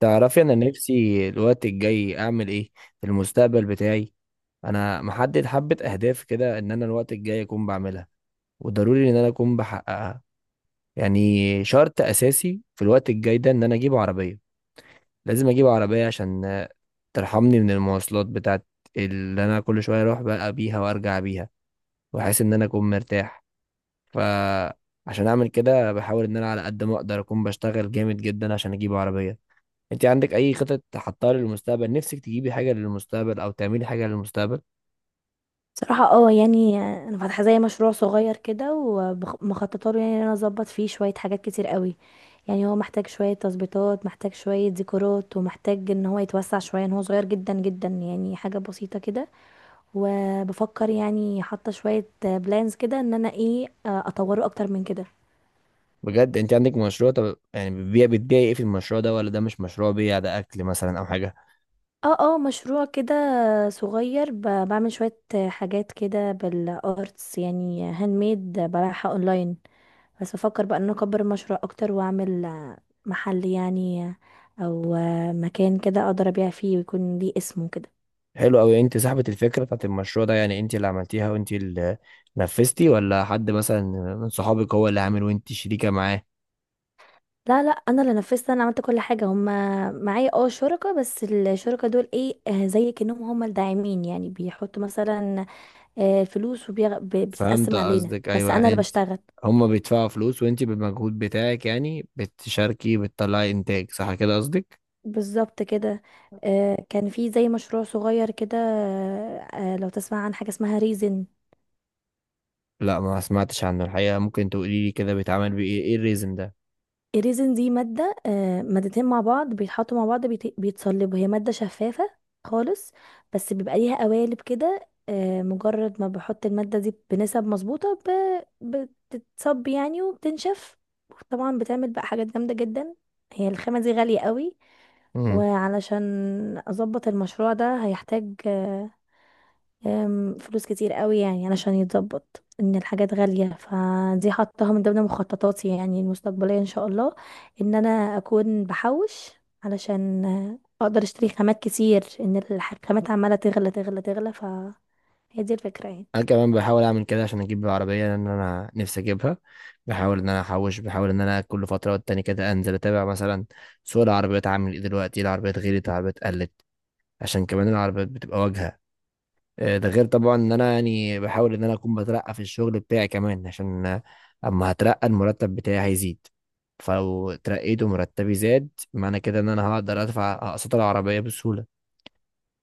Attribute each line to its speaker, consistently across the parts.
Speaker 1: تعرفي انا نفسي الوقت الجاي اعمل ايه في المستقبل بتاعي؟ انا محدد حبة اهداف كده ان انا الوقت الجاي اكون بعملها، وضروري ان انا اكون بحققها، يعني شرط اساسي في الوقت الجاي ده ان انا اجيب عربية. لازم اجيب عربية عشان ترحمني من المواصلات بتاعت اللي انا كل شوية اروح بقى بيها وارجع بيها، واحس ان انا اكون مرتاح. فعشان اعمل كده بحاول ان انا على قد ما اقدر اكون بشتغل جامد جدا عشان اجيب عربية. انت عندك اي خطط حطها للمستقبل؟ نفسك تجيبي حاجه للمستقبل او تعملي حاجه للمستقبل؟
Speaker 2: صراحة يعني انا فاتحة زي مشروع صغير كده ومخططه له، يعني ان انا اظبط فيه شوية حاجات كتير قوي. يعني هو محتاج شوية تظبيطات، محتاج شوية ديكورات، ومحتاج ان هو يتوسع شوية، ان هو صغير جدا جدا، يعني حاجة بسيطة كده. وبفكر يعني حاطة شوية بلانز كده ان انا ايه، اطوره اكتر من كده.
Speaker 1: بجد انت عندك مشروع؟ طب يعني بتبيعي ايه في المشروع ده؟ ولا ده مش مشروع بيع، ده اكل مثلا او حاجه؟
Speaker 2: اه اه، مشروع كده صغير، بعمل شوية حاجات كده بالارتس، يعني هاند ميد، ببيعها اونلاين. بس بفكر بقى ان أنا اكبر المشروع اكتر واعمل محل، يعني، او مكان كده اقدر ابيع فيه ويكون ليه اسمه كده.
Speaker 1: حلو قوي. انت صاحبه الفكره بتاعت المشروع ده؟ يعني انت اللي عملتيها وانت اللي نفذتي، ولا حد مثلا من صحابك هو اللي عامل وانت شريكه معاه؟
Speaker 2: لا لا، انا اللي نفذت، انا عملت كل حاجه. هما معايا اه شركاء، بس الشركاء دول ايه، زي كأنهم هما الداعمين، يعني بيحطوا مثلا فلوس
Speaker 1: فهمت
Speaker 2: وبتتقسم علينا،
Speaker 1: قصدك،
Speaker 2: بس
Speaker 1: ايوه.
Speaker 2: انا
Speaker 1: يعني
Speaker 2: اللي
Speaker 1: انت
Speaker 2: بشتغل.
Speaker 1: هما بيدفعوا فلوس وانت بالمجهود بتاعك يعني بتشاركي، بتطلعي انتاج، صح كده قصدك؟
Speaker 2: بالظبط كده. كان في زي مشروع صغير كده. لو تسمع عن حاجه اسمها ريزن.
Speaker 1: لا ما سمعتش عنه الحقيقة. ممكن تقولي لي كده بيتعمل بإيه، إيه الريزن ده؟
Speaker 2: الريزن دي مادة، مادتين مع بعض بيتحطوا مع بعض، بيتصلبوا. هي مادة شفافة خالص، بس بيبقى ليها قوالب كده. مجرد ما بحط المادة دي بنسب مظبوطة بتتصب يعني وبتنشف. طبعا بتعمل بقى حاجات جامدة جدا. هي الخامة دي غالية قوي.
Speaker 1: مم.
Speaker 2: وعلشان أظبط المشروع ده هيحتاج آه، أم، فلوس كتير قوي، يعني علشان يتظبط ان الحاجات غالية. فدي حطها من ضمن مخططاتي يعني المستقبلية ان شاء الله، ان انا اكون بحوش علشان اقدر اشتري خامات كتير، ان الخامات عمالة تغلى تغلى تغلى. فهي دي الفكرة يعني.
Speaker 1: أنا كمان بحاول أعمل كده عشان أجيب العربية، لأن أنا نفسي أجيبها. بحاول إن أنا أحوش، بحاول إن أنا كل فترة والتانية كده أنزل أتابع مثلا سوق العربيات عامل إيه دلوقتي، العربيات غليت، العربيات قلت، عشان كمان العربيات بتبقى واجهة. ده غير طبعا إن أنا يعني بحاول إن أنا أكون بترقى في الشغل بتاعي كمان، عشان أما هترقى المرتب بتاعي هيزيد. فلو اترقيت ومرتبي زاد، معنى كده إن أنا هقدر أدفع أقساط العربية بسهولة.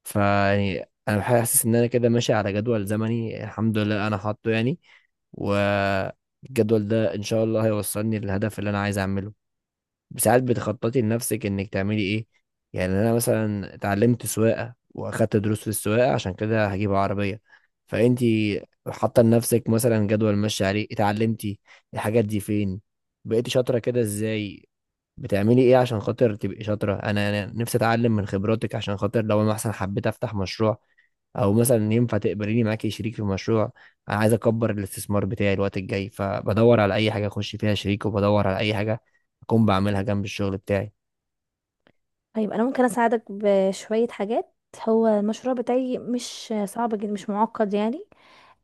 Speaker 1: فيعني انا حاسس ان انا كده ماشي على جدول زمني، الحمد لله انا حاطه يعني، والجدول ده ان شاء الله هيوصلني للهدف اللي انا عايز اعمله. ساعات بتخططي لنفسك انك تعملي ايه؟ يعني انا مثلا اتعلمت سواقه واخدت دروس في السواقه عشان كده هجيب عربيه. فانتي حاطه لنفسك مثلا جدول ماشي عليه؟ اتعلمتي الحاجات دي فين؟ بقيتي شاطره كده ازاي؟ بتعملي ايه عشان خاطر تبقي شاطرة؟ انا نفسي اتعلم من خبراتك، عشان خاطر لو انا مثلا حبيت افتح مشروع، او مثلا ينفع تقبليني معاكي شريك في مشروع. انا عايز اكبر الاستثمار بتاعي الوقت الجاي، فبدور على اي حاجة اخش فيها شريك، وبدور على اي حاجة اكون بعملها جنب الشغل بتاعي.
Speaker 2: طيب انا ممكن اساعدك بشوية حاجات. هو المشروع بتاعي مش صعب جدا، مش معقد يعني.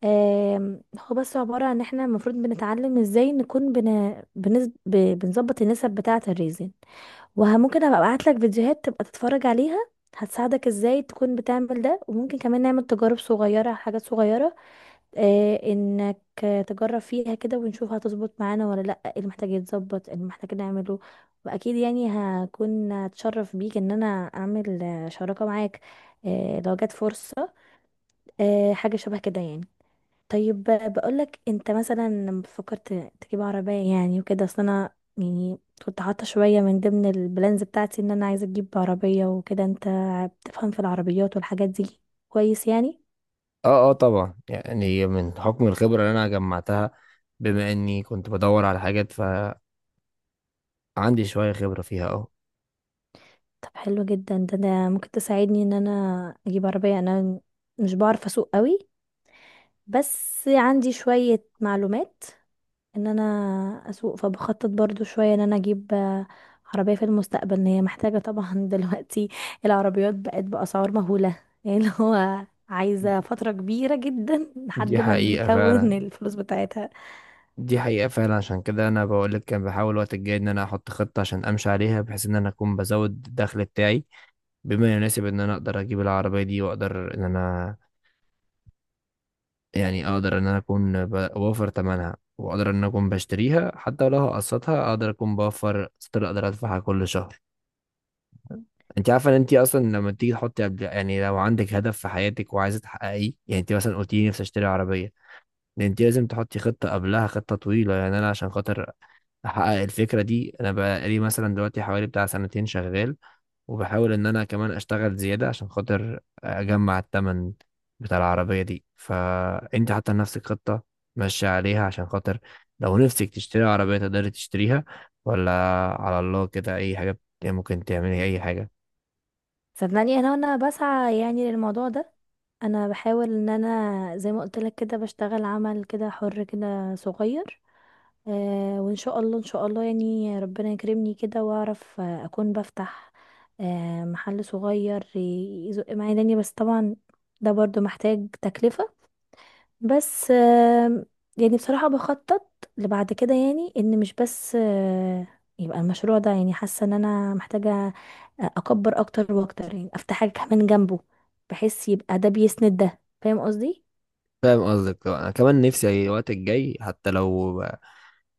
Speaker 2: هو بس عبارة عن ان احنا المفروض بنتعلم ازاي نكون بنظبط النسب بتاعة الريزن. وممكن ابقى ابعت لك فيديوهات تبقى تتفرج عليها، هتساعدك ازاي تكون بتعمل ده. وممكن كمان نعمل تجارب صغيرة، حاجات صغيرة، انك تجرب فيها كده، ونشوف هتظبط معانا ولا لا، ايه اللي محتاج يتظبط، ايه اللي محتاج نعمله. واكيد يعني هكون اتشرف بيك ان انا اعمل شراكة معاك لو جت فرصة، حاجة شبه كده يعني. طيب بقول لك، انت مثلا لما فكرت تجيب عربية يعني وكده، اصل انا يعني كنت حاطة شوية من ضمن البلانز بتاعتي ان انا عايزة اجيب عربية وكده. انت بتفهم في العربيات والحاجات دي كويس يعني.
Speaker 1: اه اه، طبعا يعني من حكم الخبرة اللي انا جمعتها، بما اني كنت بدور على حاجات فعندي شوية خبرة فيها، اه.
Speaker 2: طب حلو جدا ده ممكن تساعدني ان انا اجيب عربية. انا مش بعرف اسوق قوي، بس عندي شوية معلومات ان انا اسوق. فبخطط برضو شوية ان انا اجيب عربية في المستقبل، ان هي محتاجة طبعا دلوقتي. العربيات بقت بأسعار مهولة، يعني اللي هو عايزة فترة كبيرة جدا
Speaker 1: دي
Speaker 2: لحد ما
Speaker 1: حقيقة
Speaker 2: نكون
Speaker 1: فعلا،
Speaker 2: الفلوس بتاعتها.
Speaker 1: دي حقيقة فعلا. عشان كده أنا بقولك كان بحاول الوقت الجاي إن أنا أحط خطة عشان أمشي عليها، بحيث إن أنا أكون بزود الدخل بتاعي بما يناسب إن أنا أقدر أجيب العربية دي، وأقدر إن أنا يعني أقدر إن أنا أكون بوفر تمنها، وأقدر إن أنا أكون بشتريها. حتى لو هقسطها أقدر أكون بوفر ستيل أقدر أدفعها كل شهر. أنت عارفة إن أنت أصلا لما تيجي تحطي قبل، يعني لو عندك هدف في حياتك وعايزة تحققيه، يعني أنت مثلا قلتي لي نفسي أشتري عربية، ده أنت لازم تحطي خطة قبلها، خطة طويلة. يعني أنا عشان خاطر احقق الفكره دي انا بقالي مثلا دلوقتي حوالي بتاع سنتين شغال، وبحاول ان انا كمان اشتغل زياده عشان خاطر اجمع التمن بتاع العربيه دي. فانت حاطه لنفسك خطه ماشيه عليها عشان خاطر لو نفسك تشتري عربيه تقدري تشتريها، ولا على الله كده اي حاجه ممكن تعملي اي حاجه؟
Speaker 2: صدقني، انا وانا بسعى يعني للموضوع ده، انا بحاول ان انا زي ما قلت لك كده بشتغل عمل كده حر، كده صغير. وان شاء الله ان شاء الله يعني ربنا يكرمني كده واعرف اكون بفتح محل صغير يزق معايا دنيا. بس طبعا ده برضو محتاج تكلفة. بس يعني بصراحة بخطط لبعد كده يعني، ان مش بس يبقى المشروع ده، يعني حاسة ان انا محتاجة اكبر اكتر واكتر، يعني افتح حاجة كمان جنبه بحيث يبقى ده بيسند ده. فاهم قصدي؟
Speaker 1: فاهم قصدك طبعاً. انا كمان نفسي الوقت الجاي، حتى لو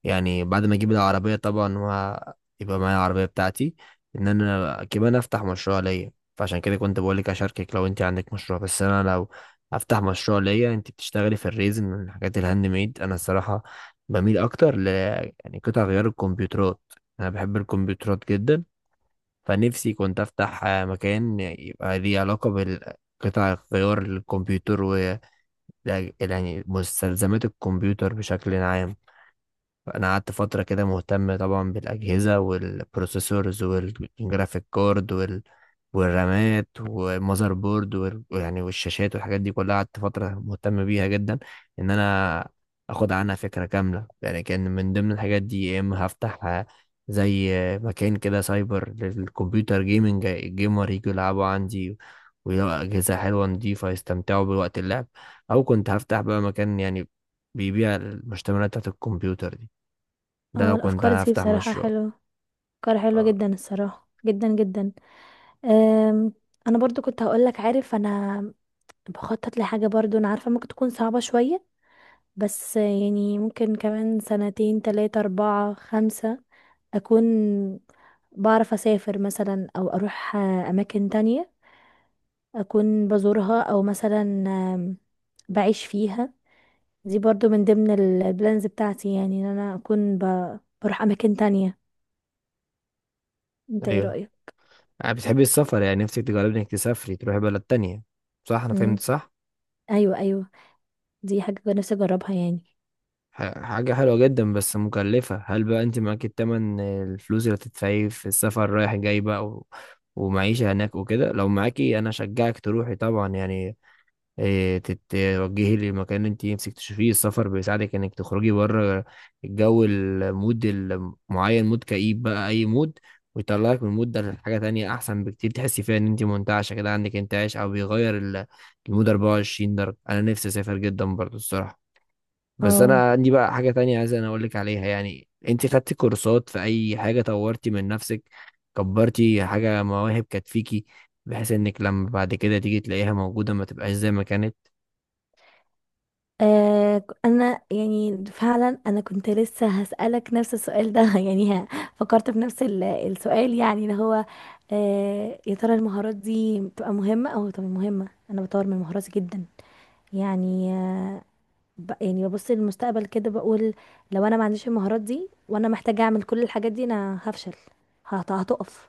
Speaker 1: يعني بعد ما اجيب العربية طبعا ويبقى معايا العربية بتاعتي، ان انا كمان افتح مشروع ليا. فعشان كده كنت بقولك اشاركك لو انت عندك مشروع، بس انا لو افتح مشروع ليا، انت بتشتغلي في الريزن من الحاجات الهاند ميد، انا الصراحة بميل اكتر ل يعني قطع غيار الكمبيوترات. انا بحب الكمبيوترات جدا. فنفسي كنت افتح مكان يبقى ليه علاقة بالقطع غيار الكمبيوتر و يعني مستلزمات الكمبيوتر بشكل عام. فانا قعدت فتره كده مهتم طبعا بالاجهزه والبروسيسورز والجرافيك كارد والرامات والمذر بورد ويعني والشاشات والحاجات دي كلها، قعدت فتره مهتم بيها جدا ان انا اخد عنها فكره كامله. يعني كان من ضمن الحاجات دي يا اما هفتح زي مكان كده سايبر للكمبيوتر جيمنج، الجيمر يجوا يلعبوا عندي ويلاقوا اجهزه حلوه نضيفه يستمتعوا بوقت اللعب، او كنت هفتح بقى مكان يعني بيبيع المشتملات بتاعت الكمبيوتر دي. ده
Speaker 2: اه،
Speaker 1: لو كنت
Speaker 2: الافكار
Speaker 1: انا
Speaker 2: دي
Speaker 1: هفتح
Speaker 2: بصراحة
Speaker 1: مشروع.
Speaker 2: حلوة، افكار حلوة
Speaker 1: اه.
Speaker 2: جدا الصراحة، جدا جدا. آم، انا برضو كنت هقولك، عارف، انا بخطط لحاجة، برضو انا عارفة ممكن تكون صعبة شوية، بس يعني ممكن كمان سنتين تلاتة اربعة خمسة اكون بعرف اسافر مثلا، او اروح اماكن تانية اكون بزورها، او مثلا آم، بعيش فيها. دي برضو من ضمن البلانز بتاعتي، يعني ان انا اكون بروح اماكن تانية. انت ايه
Speaker 1: ايوه،
Speaker 2: رأيك؟
Speaker 1: انا بتحبي السفر يعني؟ نفسك تجربي انك تسافري تروحي بلد تانية، صح؟ انا فهمت
Speaker 2: مم.
Speaker 1: صح؟
Speaker 2: ايوه ايوه، دي حاجة نفسي اجربها يعني.
Speaker 1: حاجة حلوة جدا بس مكلفة. هل بقى انت معاكي التمن، الفلوس اللي هتدفعيه في السفر رايح جاي بقى ومعيشة هناك وكده؟ لو معاكي انا اشجعك تروحي طبعا، يعني توجهي لمكان انت نفسك تشوفيه. السفر بيساعدك انك تخرجي بره الجو، المود المعين، مود كئيب بقى اي مود، ويطلعك من المود ده لحاجة تانية احسن بكتير تحسي فيها ان انت منتعشة كده، عندك انتعاش، او بيغير المود. 24 درجة، انا نفسي اسافر جدا برضو الصراحة. بس
Speaker 2: اه.
Speaker 1: انا عندي بقى حاجة تانية عايز انا اقول لك عليها. يعني انت خدتي كورسات في اي حاجة؟ طورتي من نفسك؟ كبرتي حاجة مواهب كانت فيكي، بحيث انك لما بعد كده تيجي تلاقيها موجودة ما تبقاش زي ما كانت؟
Speaker 2: انا يعني فعلا انا كنت لسه هسألك نفس السؤال ده يعني، فكرت بنفس السؤال، يعني اللي هو يا ترى المهارات دي بتبقى مهمة؟ او طب، مهمة. انا بطور من مهاراتي جدا، يعني يعني ببص للمستقبل كده بقول، لو انا ما عنديش المهارات دي وانا محتاجة اعمل كل الحاجات دي انا هفشل، هتقف.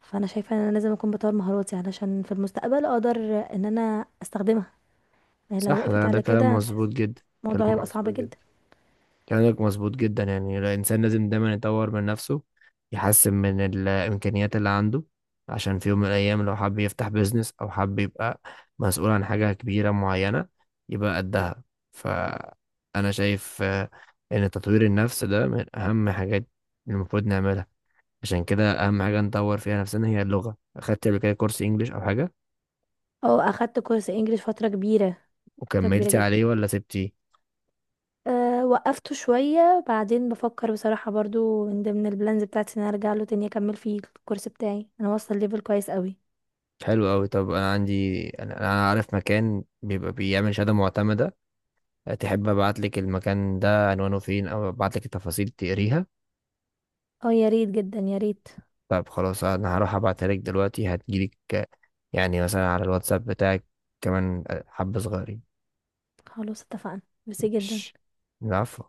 Speaker 2: فانا شايفة ان انا لازم اكون بطور مهاراتي علشان في المستقبل اقدر ان انا استخدمها، يعني لو
Speaker 1: صح،
Speaker 2: وقفت
Speaker 1: ده
Speaker 2: على
Speaker 1: كلام
Speaker 2: كده
Speaker 1: مظبوط جدا. كلام
Speaker 2: الموضوع هيبقى صعب
Speaker 1: مظبوط جدا،
Speaker 2: جدا.
Speaker 1: كلامك مظبوط جدا. يعني الإنسان لازم دايما يطور من نفسه، يحسن من الإمكانيات اللي عنده، عشان في يوم من الأيام لو حب يفتح بيزنس، أو حب يبقى مسؤول عن حاجة كبيرة معينة، يبقى قدها. فأنا شايف إن تطوير النفس ده من أهم حاجات اللي المفروض نعملها. عشان كده أهم حاجة نطور فيها نفسنا هي اللغة. أخدت قبل كده كورس إنجليش أو حاجة؟
Speaker 2: اه، اخدت كورس انجليش فترة كبيرة، فترة كبيرة
Speaker 1: وكملتي
Speaker 2: جدا.
Speaker 1: عليه ولا سبتيه؟
Speaker 2: أه، وقفته شوية بعدين بفكر بصراحة، برضو من ضمن البلانز بتاعتي ان انا ارجع له تاني اكمل فيه. الكورس بتاعي انا واصلة ليفل كويس قوي.
Speaker 1: حلو قوي. طب انا عارف مكان بيبقى بيعمل شهاده معتمده. تحب ابعت لك المكان ده عنوانه فين، او ابعت لك التفاصيل تقريها؟
Speaker 2: اه يا ريت، جدا يا ريت.
Speaker 1: طب خلاص، انا هروح ابعتها لك دلوقتي هتجيلك يعني مثلا على الواتساب بتاعك كمان حبه صغيرين.
Speaker 2: خلاص اتفقنا. ميرسي جدا.
Speaker 1: مش العفو.